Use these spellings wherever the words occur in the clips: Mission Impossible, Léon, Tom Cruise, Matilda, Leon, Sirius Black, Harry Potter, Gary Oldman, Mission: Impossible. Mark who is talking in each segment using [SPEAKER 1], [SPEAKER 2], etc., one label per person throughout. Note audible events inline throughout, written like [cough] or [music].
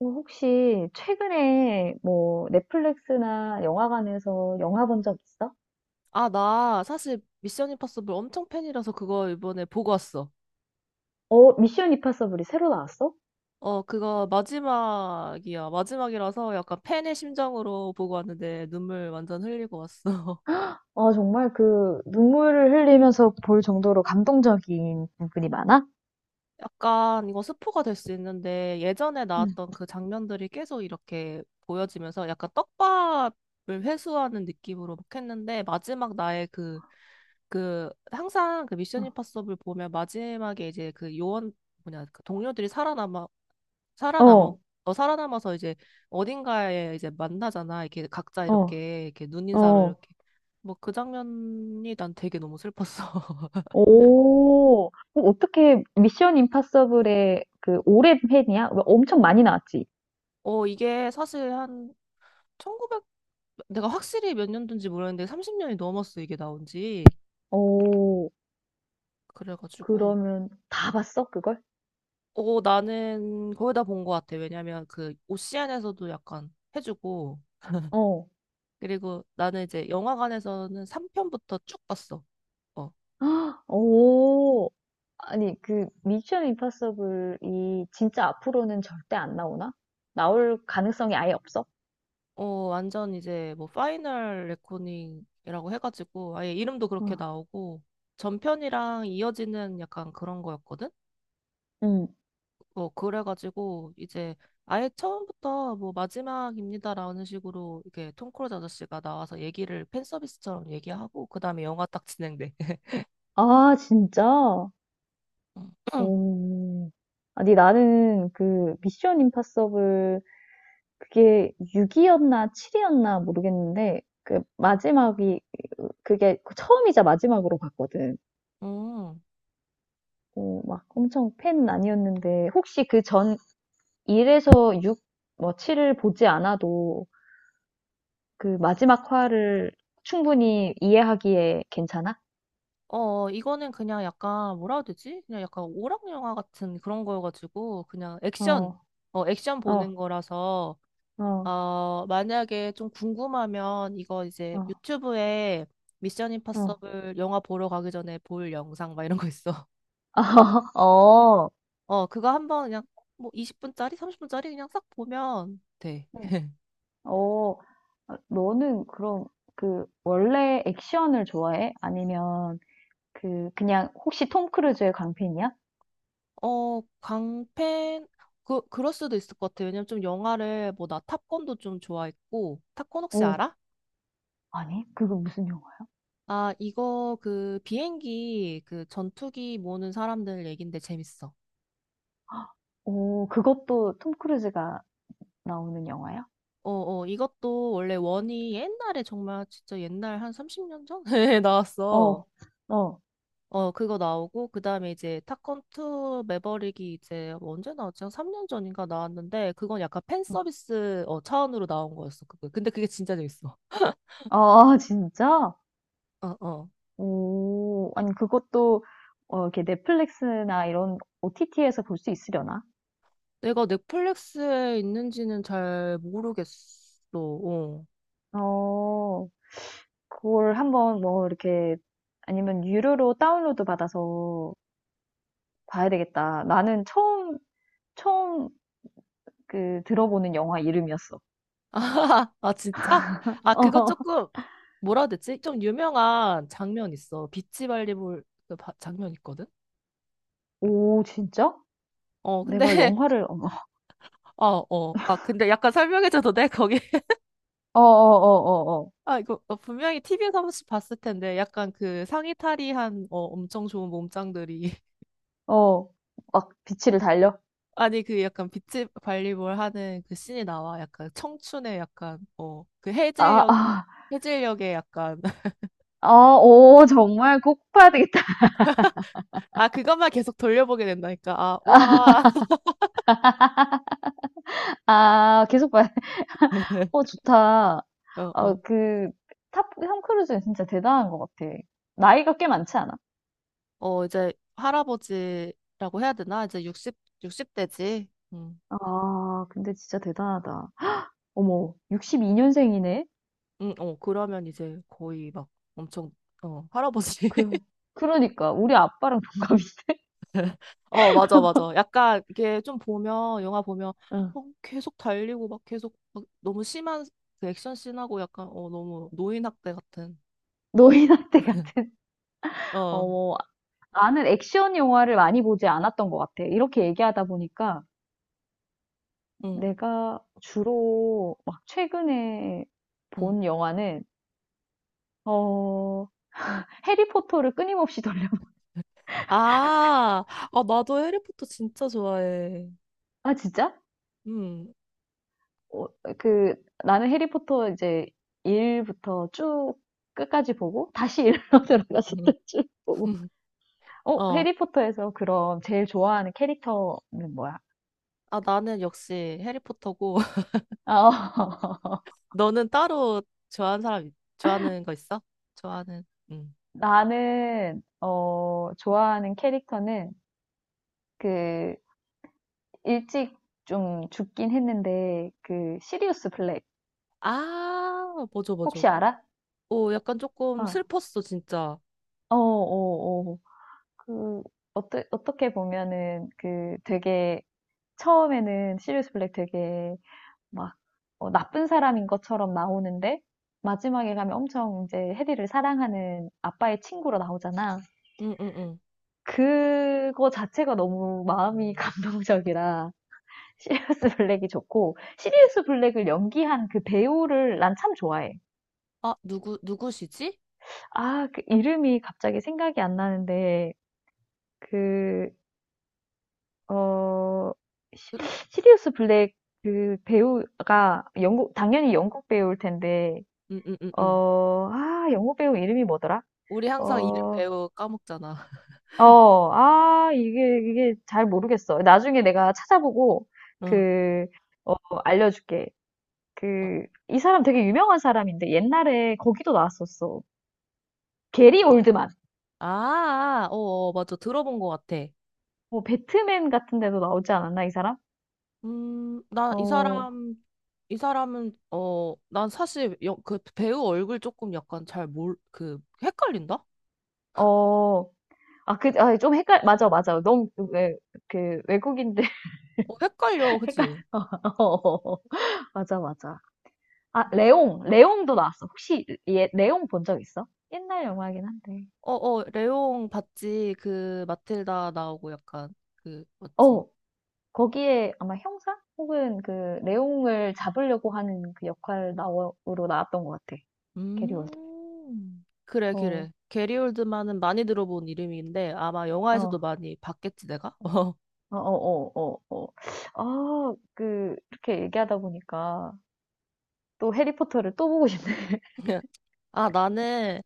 [SPEAKER 1] 어, 혹시 최근에 뭐 넷플릭스나 영화관에서 영화 본 적 있어?
[SPEAKER 2] 아, 나 사실 미션 임파서블 엄청 팬이라서 그거 이번에 보고 왔어.
[SPEAKER 1] 어, 미션 임파서블이 새로 나왔어?
[SPEAKER 2] 어, 그거 마지막이야. 마지막이라서 약간 팬의 심정으로 보고 왔는데 눈물 완전 흘리고 왔어.
[SPEAKER 1] 어, 정말 그 눈물을 흘리면서 볼 정도로 감동적인 부분이 많아?
[SPEAKER 2] [laughs] 약간 이거 스포가 될 수 있는데 예전에
[SPEAKER 1] 응.
[SPEAKER 2] 나왔던 그 장면들이 계속 이렇게 보여지면서 약간 떡밥을 회수하는 느낌으로 막 했는데 마지막 나의 그, 그 항상 그 미션 임파서블 보면 마지막에 이제 그 요원 뭐냐 그 동료들이 살아남어
[SPEAKER 1] 어,
[SPEAKER 2] 살아남아서 이제 어딘가에 이제 만나잖아. 이렇게 각자
[SPEAKER 1] 어,
[SPEAKER 2] 이렇게 눈인사로
[SPEAKER 1] 어.
[SPEAKER 2] 이렇게 뭐 그 장면이 난 되게 너무 슬펐어. [laughs]
[SPEAKER 1] 오, 어, 어떻게 미션 임파서블의 그 오랜 팬이야? 왜 엄청 많이 나왔지?
[SPEAKER 2] 이게 사실 한 1900 내가 확실히 몇 년도인지 모르겠는데 30년이 넘었어 이게 나온 지.
[SPEAKER 1] 오,
[SPEAKER 2] 그래가지고
[SPEAKER 1] 그러면 다 봤어, 그걸?
[SPEAKER 2] 나는 거의 다 본 것 같아. 왜냐면 그 오시안에서도 약간 해주고
[SPEAKER 1] 어,
[SPEAKER 2] 그리고 나는 이제 영화관에서는 3편부터 쭉 봤어. 어
[SPEAKER 1] 오. 아니, 그 미션 임파서블이 진짜 앞으로는 절대 안 나오나? 나올 가능성이 아예 없어?
[SPEAKER 2] 완전 이제 뭐 파이널 레코닝이라고 해가지고 아예 이름도 그렇게
[SPEAKER 1] 아,
[SPEAKER 2] 나오고 전편이랑 이어지는 약간 그런 거였거든?
[SPEAKER 1] 응.
[SPEAKER 2] 뭐 그래가지고 이제 아예 처음부터 뭐 마지막입니다라는 식으로 이렇게 톰 크루즈 아저씨가 나와서 얘기를 팬 서비스처럼 얘기하고 그다음에 영화 딱 진행돼.
[SPEAKER 1] 아, 진짜?
[SPEAKER 2] [laughs]
[SPEAKER 1] 오. 아니, 나는 그 미션 임파서블 그게 6이었나 7이었나 모르겠는데 그 마지막이 그게 처음이자 마지막으로 봤거든.
[SPEAKER 2] 음.
[SPEAKER 1] 어, 막 엄청 팬은 아니었는데 혹시 그전 1에서 6, 뭐 7을 보지 않아도 그 마지막 화를 충분히 이해하기에 괜찮아?
[SPEAKER 2] 어, 이거는 그냥 약간 뭐라 해야 되지? 그냥 약간 오락 영화 같은 그런 거여가지고 그냥
[SPEAKER 1] 어,
[SPEAKER 2] 액션 보는
[SPEAKER 1] 어,
[SPEAKER 2] 거라서
[SPEAKER 1] 어,
[SPEAKER 2] 어, 만약에 좀 궁금하면 이거 이제
[SPEAKER 1] 어,
[SPEAKER 2] 유튜브에 미션
[SPEAKER 1] 어.
[SPEAKER 2] 임파서블 영화 보러 가기 전에 볼 영상 막 이런 거 있어. [laughs]
[SPEAKER 1] [laughs] 어,
[SPEAKER 2] 어, 그거 한번 그냥 뭐 20분짜리, 30분짜리 그냥 싹 보면 돼.
[SPEAKER 1] 응.
[SPEAKER 2] [laughs]
[SPEAKER 1] 어, 아, 너는 그럼 그 원래 액션을 좋아해? 아니면 그 그냥 혹시 톰 크루즈의 광팬이야?
[SPEAKER 2] 어, 광팬 그럴 수도 있을 것 같아. 왜냐면 좀 영화를 뭐 나 탑건도 좀 좋아했고 탑건 혹시
[SPEAKER 1] 오,
[SPEAKER 2] 알아?
[SPEAKER 1] 아니, 그거 무슨 영화야?
[SPEAKER 2] 아, 이거 그 비행기 그 전투기 모는 사람들 얘긴데 재밌어.
[SPEAKER 1] 오, 그것도 톰 크루즈가 나오는 영화야?
[SPEAKER 2] 어, 이것도 원래 원이 옛날에 정말 진짜 옛날 한 30년 전에 [laughs] 나왔어.
[SPEAKER 1] 어, 어,
[SPEAKER 2] 어, 그거 나오고, 그 다음에 이제 탑건 2 매버릭이 이제 언제 나왔지? 한 3년 전인가 나왔는데, 그건 약간 팬
[SPEAKER 1] 어.
[SPEAKER 2] 서비스 차원으로 나온 거였어. 그거. 근데 그게 진짜 재밌어.
[SPEAKER 1] 아, 진짜?
[SPEAKER 2] 어, 어.
[SPEAKER 1] 오. 아니 그것도 어 이렇게 넷플릭스나 이런 OTT에서 볼 수 있으려나?
[SPEAKER 2] 내가 넷플릭스에 있는지는 잘 모르겠어. 어.
[SPEAKER 1] 어. 그걸 한번 뭐 이렇게 아니면 유료로 다운로드 받아서 봐야 되겠다. 나는 처음 그 들어보는 영화 이름이었어.
[SPEAKER 2] [laughs] 아, 진짜? 아,
[SPEAKER 1] [laughs]
[SPEAKER 2] 그거
[SPEAKER 1] 어.
[SPEAKER 2] 조금, 뭐라 해야 되지? 좀 유명한 장면 있어. 비치 발리볼 그 장면 있거든?
[SPEAKER 1] 오, 진짜?
[SPEAKER 2] 어, 근데,
[SPEAKER 1] 내가
[SPEAKER 2] [laughs]
[SPEAKER 1] 영화를 어머.
[SPEAKER 2] 어, 어. 아, 근데 약간 설명해줘도 돼? 거기. [laughs]
[SPEAKER 1] 어어어어어. 어.
[SPEAKER 2] 아, 이거 분명히 TV에서 한 번씩 봤을 텐데, 약간 그 상의 탈의한, 엄청 좋은 몸짱들이. [laughs]
[SPEAKER 1] 어, 어, 어, 어. 막 빛을 달려?
[SPEAKER 2] 아니, 그 약간 비치 발리볼 하는 그 씬이 나와. 약간 청춘의 약간, 그
[SPEAKER 1] 아,
[SPEAKER 2] 해질녘,
[SPEAKER 1] 아,
[SPEAKER 2] 해질녘의 약간. [laughs]
[SPEAKER 1] 아, 오, 정말 꼭 봐야 되겠다.
[SPEAKER 2] 아, 그것만 계속 돌려보게 된다니까. 아, 와.
[SPEAKER 1] 아, 계속 봐야 돼. [laughs] 어,
[SPEAKER 2] [laughs]
[SPEAKER 1] 좋다.
[SPEAKER 2] 어,
[SPEAKER 1] 어,
[SPEAKER 2] 어.
[SPEAKER 1] 그, 톰 크루즈는 진짜 대단한 것 같아. 나이가 꽤 많지 않아?
[SPEAKER 2] 어, 이제 할아버지라고 해야 되나? 이제 육십 60대지.
[SPEAKER 1] 아, 근데 진짜 대단하다. 어머, 62년생이네?
[SPEAKER 2] 응, 어, 그러면 이제 거의 막 엄청, 할아버지.
[SPEAKER 1] 그,
[SPEAKER 2] [laughs]
[SPEAKER 1] 그러니까, 우리 아빠랑 동갑이.
[SPEAKER 2] 어, 맞아, 맞아. 약간 이게 좀 보면, 영화 보면,
[SPEAKER 1] 응.
[SPEAKER 2] 어, 계속 달리고 막 계속 막 너무 심한 그 액션 씬하고 약간, 너무 노인학대 같은.
[SPEAKER 1] 너희 나이
[SPEAKER 2] [laughs]
[SPEAKER 1] 같은. [laughs]
[SPEAKER 2] 어,
[SPEAKER 1] 어머, 나는 액션 영화를 많이 보지 않았던 것 같아. 이렇게 얘기하다 보니까
[SPEAKER 2] 응,
[SPEAKER 1] 내가 주로 막 최근에
[SPEAKER 2] 응,
[SPEAKER 1] 본 영화는, 어, 해리포터를 끊임없이 [laughs] 돌려.
[SPEAKER 2] 아, 아, 나도 해리포터 진짜 좋아해.
[SPEAKER 1] 아 진짜?
[SPEAKER 2] 응.
[SPEAKER 1] 어, 그 나는 해리포터 이제 일부터 쭉 끝까지 보고 다시 일로 [laughs] 들어가서
[SPEAKER 2] 응.
[SPEAKER 1] 또 쭉 보고.
[SPEAKER 2] 응. [laughs]
[SPEAKER 1] 어,
[SPEAKER 2] 어,
[SPEAKER 1] 해리포터에서 그럼 제일 좋아하는 캐릭터는 뭐야?
[SPEAKER 2] 아, 나는 역시 해리포터고, [laughs]
[SPEAKER 1] 아, 어, [laughs]
[SPEAKER 2] 너는 따로 좋아하는 사람, 좋아하는 거 있어? 좋아하는, 응.
[SPEAKER 1] 나는 어, 좋아하는 캐릭터는 그 일찍 좀 죽긴 했는데 그 시리우스 블랙
[SPEAKER 2] 아, 맞아, 맞아.
[SPEAKER 1] 혹시 알아?
[SPEAKER 2] 어, 약간 조금
[SPEAKER 1] 어,
[SPEAKER 2] 슬펐어, 진짜.
[SPEAKER 1] 어, 어, 어. 그 어떻게 보면은 그 되게 처음에는 시리우스 블랙 되게 막 어, 나쁜 사람인 것처럼 나오는데 마지막에 가면 엄청 이제 해리를 사랑하는 아빠의 친구로 나오잖아.
[SPEAKER 2] 응, 응, 응.
[SPEAKER 1] 그거 자체가 너무 마음이 [laughs] 감동적이라 시리우스 블랙이 좋고 시리우스 블랙을 연기한 그 배우를 난 참 좋아해.
[SPEAKER 2] 아, 누구, 누구시지?
[SPEAKER 1] 아, 그 이름이 갑자기 생각이 안 나는데 그 어, 시-
[SPEAKER 2] 으,
[SPEAKER 1] 시리우스 블랙 그 배우가 영국 당연히 영국 배우일 텐데
[SPEAKER 2] 응, 응, 응, 응.
[SPEAKER 1] 어, 아, 영국 배우 이름이 뭐더라?
[SPEAKER 2] 우리 항상 이름
[SPEAKER 1] 어,
[SPEAKER 2] 배우 까먹잖아. [laughs]
[SPEAKER 1] 어, 아, 이게 잘 모르겠어. 나중에 내가 찾아보고,
[SPEAKER 2] 응.
[SPEAKER 1] 그, 어, 알려줄게.
[SPEAKER 2] 어.
[SPEAKER 1] 그, 이 사람 되게 유명한 사람인데, 옛날에 거기도 나왔었어. 게리 올드만.
[SPEAKER 2] 아, 어, 어, 맞아. 들어본 것 같아.
[SPEAKER 1] 뭐, 배트맨 같은 데도 나오지 않았나, 이 사람?
[SPEAKER 2] 나 이
[SPEAKER 1] 어,
[SPEAKER 2] 사람, 이 사람은, 난 사실 그 배우 얼굴 조금 약간 잘 헷갈린다?
[SPEAKER 1] 어, 아, 그, 아, 맞아, 맞아. 너무, 왜, 그, 외국인데
[SPEAKER 2] 어, 헷갈려,
[SPEAKER 1] [laughs] 헷갈려.
[SPEAKER 2] 그치?
[SPEAKER 1] [laughs] 맞아, 맞아. 아, 레옹. 레옹도 나왔어. 혹시 얘 레옹 본 적 있어? 옛날 영화긴 한데.
[SPEAKER 2] 어, 어, 레옹 봤지? 그, 마틸다 나오고 약간, 그, 맞지?
[SPEAKER 1] 어, 거기에 아마 형사 혹은 그 레옹을 잡으려고 하는 그 역할 나오로 나왔던 것 같아. 게리 올드.
[SPEAKER 2] 그래,
[SPEAKER 1] 어,
[SPEAKER 2] 그래. 게리 올드만은 많이 들어본 이름인데 아마
[SPEAKER 1] 어,
[SPEAKER 2] 영화에서도 많이 봤겠지, 내가? [laughs] 어.
[SPEAKER 1] 어, 어, 어, 어, 어. 아, 그 이렇게 얘기하다 보니까 또 해리포터를 또 보고 싶네. [laughs]
[SPEAKER 2] 아, 나는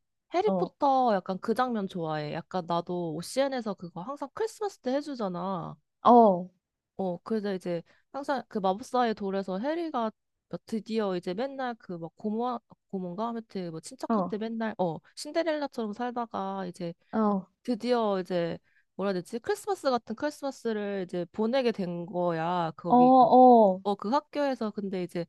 [SPEAKER 1] 어,
[SPEAKER 2] 해리포터 약간 그 장면 좋아해. 약간 나도 OCN에서 그거 항상 크리스마스 때 해주잖아.
[SPEAKER 1] 어,
[SPEAKER 2] 어, 그래서 이제 항상 그 마법사의 돌에서 해리가 뭐 드디어 이제 맨날 그 막 고모, 고모인가? 아무튼 뭐
[SPEAKER 1] 어,
[SPEAKER 2] 친척한테 맨날 신데렐라처럼 살다가 이제
[SPEAKER 1] 어,
[SPEAKER 2] 드디어 이제 뭐라 해야 되지? 크리스마스 같은 크리스마스를 이제 보내게 된 거야.
[SPEAKER 1] 어,
[SPEAKER 2] 거기 그,
[SPEAKER 1] 어,
[SPEAKER 2] 어, 그 학교에서 근데 이제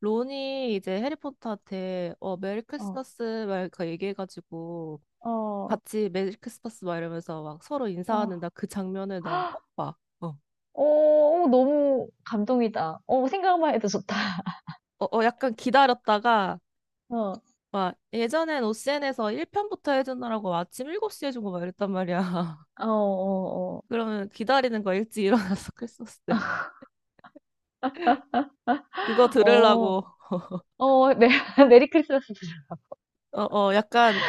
[SPEAKER 2] 론이 이제 해리포터한테 메리
[SPEAKER 1] 어, 어,
[SPEAKER 2] 크리스마스 막 이렇게 얘기해가지고
[SPEAKER 1] 어.
[SPEAKER 2] 같이 메리 크리스마스 막 이러면서 막 서로
[SPEAKER 1] 어,
[SPEAKER 2] 인사하는 나 그 장면을 난 꼭 봐. 어.
[SPEAKER 1] 어, 너무 감동이다. 어, 생각만 해도 좋다.
[SPEAKER 2] 약간 기다렸다가
[SPEAKER 1] 어.
[SPEAKER 2] 막 예전엔 OCN에서 1편부터 해주느라고 아침 7시에 해준 거 막 이랬단 말이야. [laughs]
[SPEAKER 1] 어, 어,
[SPEAKER 2] 그러면 기다리는 거 일찍 일어나서 크리스마스 때 그거
[SPEAKER 1] 어, 어,
[SPEAKER 2] 들으려고 [laughs]
[SPEAKER 1] 어, [laughs] 메리 크리스마스 보자.
[SPEAKER 2] 어, 약간,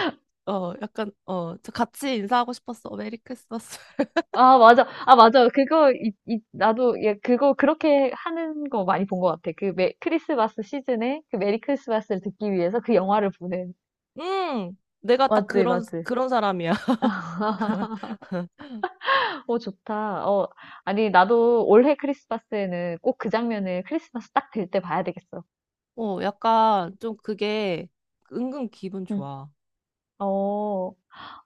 [SPEAKER 2] 약간, 저 같이 인사하고 싶었어. 메리 크리스마스. [laughs]
[SPEAKER 1] 아, 맞아. 아, 맞아. 그거, 이, 나도, 예, 그거, 그렇게 하는 거 많이 본 것 같아. 그 크리스마스 시즌에 그 메리 크리스마스를 듣기 위해서 그 영화를 보는.
[SPEAKER 2] 내가 딱
[SPEAKER 1] 맞지,
[SPEAKER 2] 그런,
[SPEAKER 1] 맞지.
[SPEAKER 2] 그런 사람이야. [laughs]
[SPEAKER 1] 어, 좋다. 어, 아니, 나도 올해 크리스마스에는 꼭 그 장면을 크리스마스 딱 될 때 봐야 되겠어.
[SPEAKER 2] 어, 약간 좀 그게 은근 기분
[SPEAKER 1] 응.
[SPEAKER 2] 좋아.
[SPEAKER 1] 어,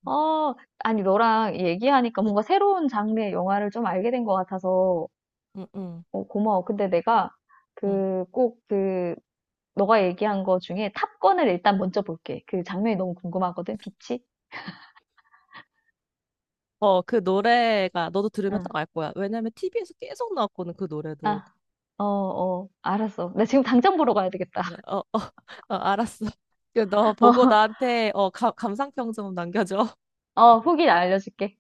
[SPEAKER 1] 어, 아니, 너랑 얘기하니까 뭔가 새로운 장르의 영화를 좀 알게 된 것 같아서
[SPEAKER 2] 응, 응,
[SPEAKER 1] 어, 고마워. 근데 내가
[SPEAKER 2] 응.
[SPEAKER 1] 그 꼭 그 너가 얘기한 거 중에 탑건을 일단 먼저 볼게. 그 장면이 너무 궁금하거든. 빛이.
[SPEAKER 2] 어, 그 노래가 너도 들으면
[SPEAKER 1] 응.
[SPEAKER 2] 딱 알 거야. 왜냐면 TV에서 계속 나왔거든, 그 노래도.
[SPEAKER 1] 아, 어, 어, 알았어. 나 지금 당장 보러 가야 되겠다.
[SPEAKER 2] 어, 어, [laughs] 어, 알았어. 그 너
[SPEAKER 1] [laughs]
[SPEAKER 2] 보고 나한테 감상평 좀 남겨줘.
[SPEAKER 1] 어, 어, 후기 알려줄게.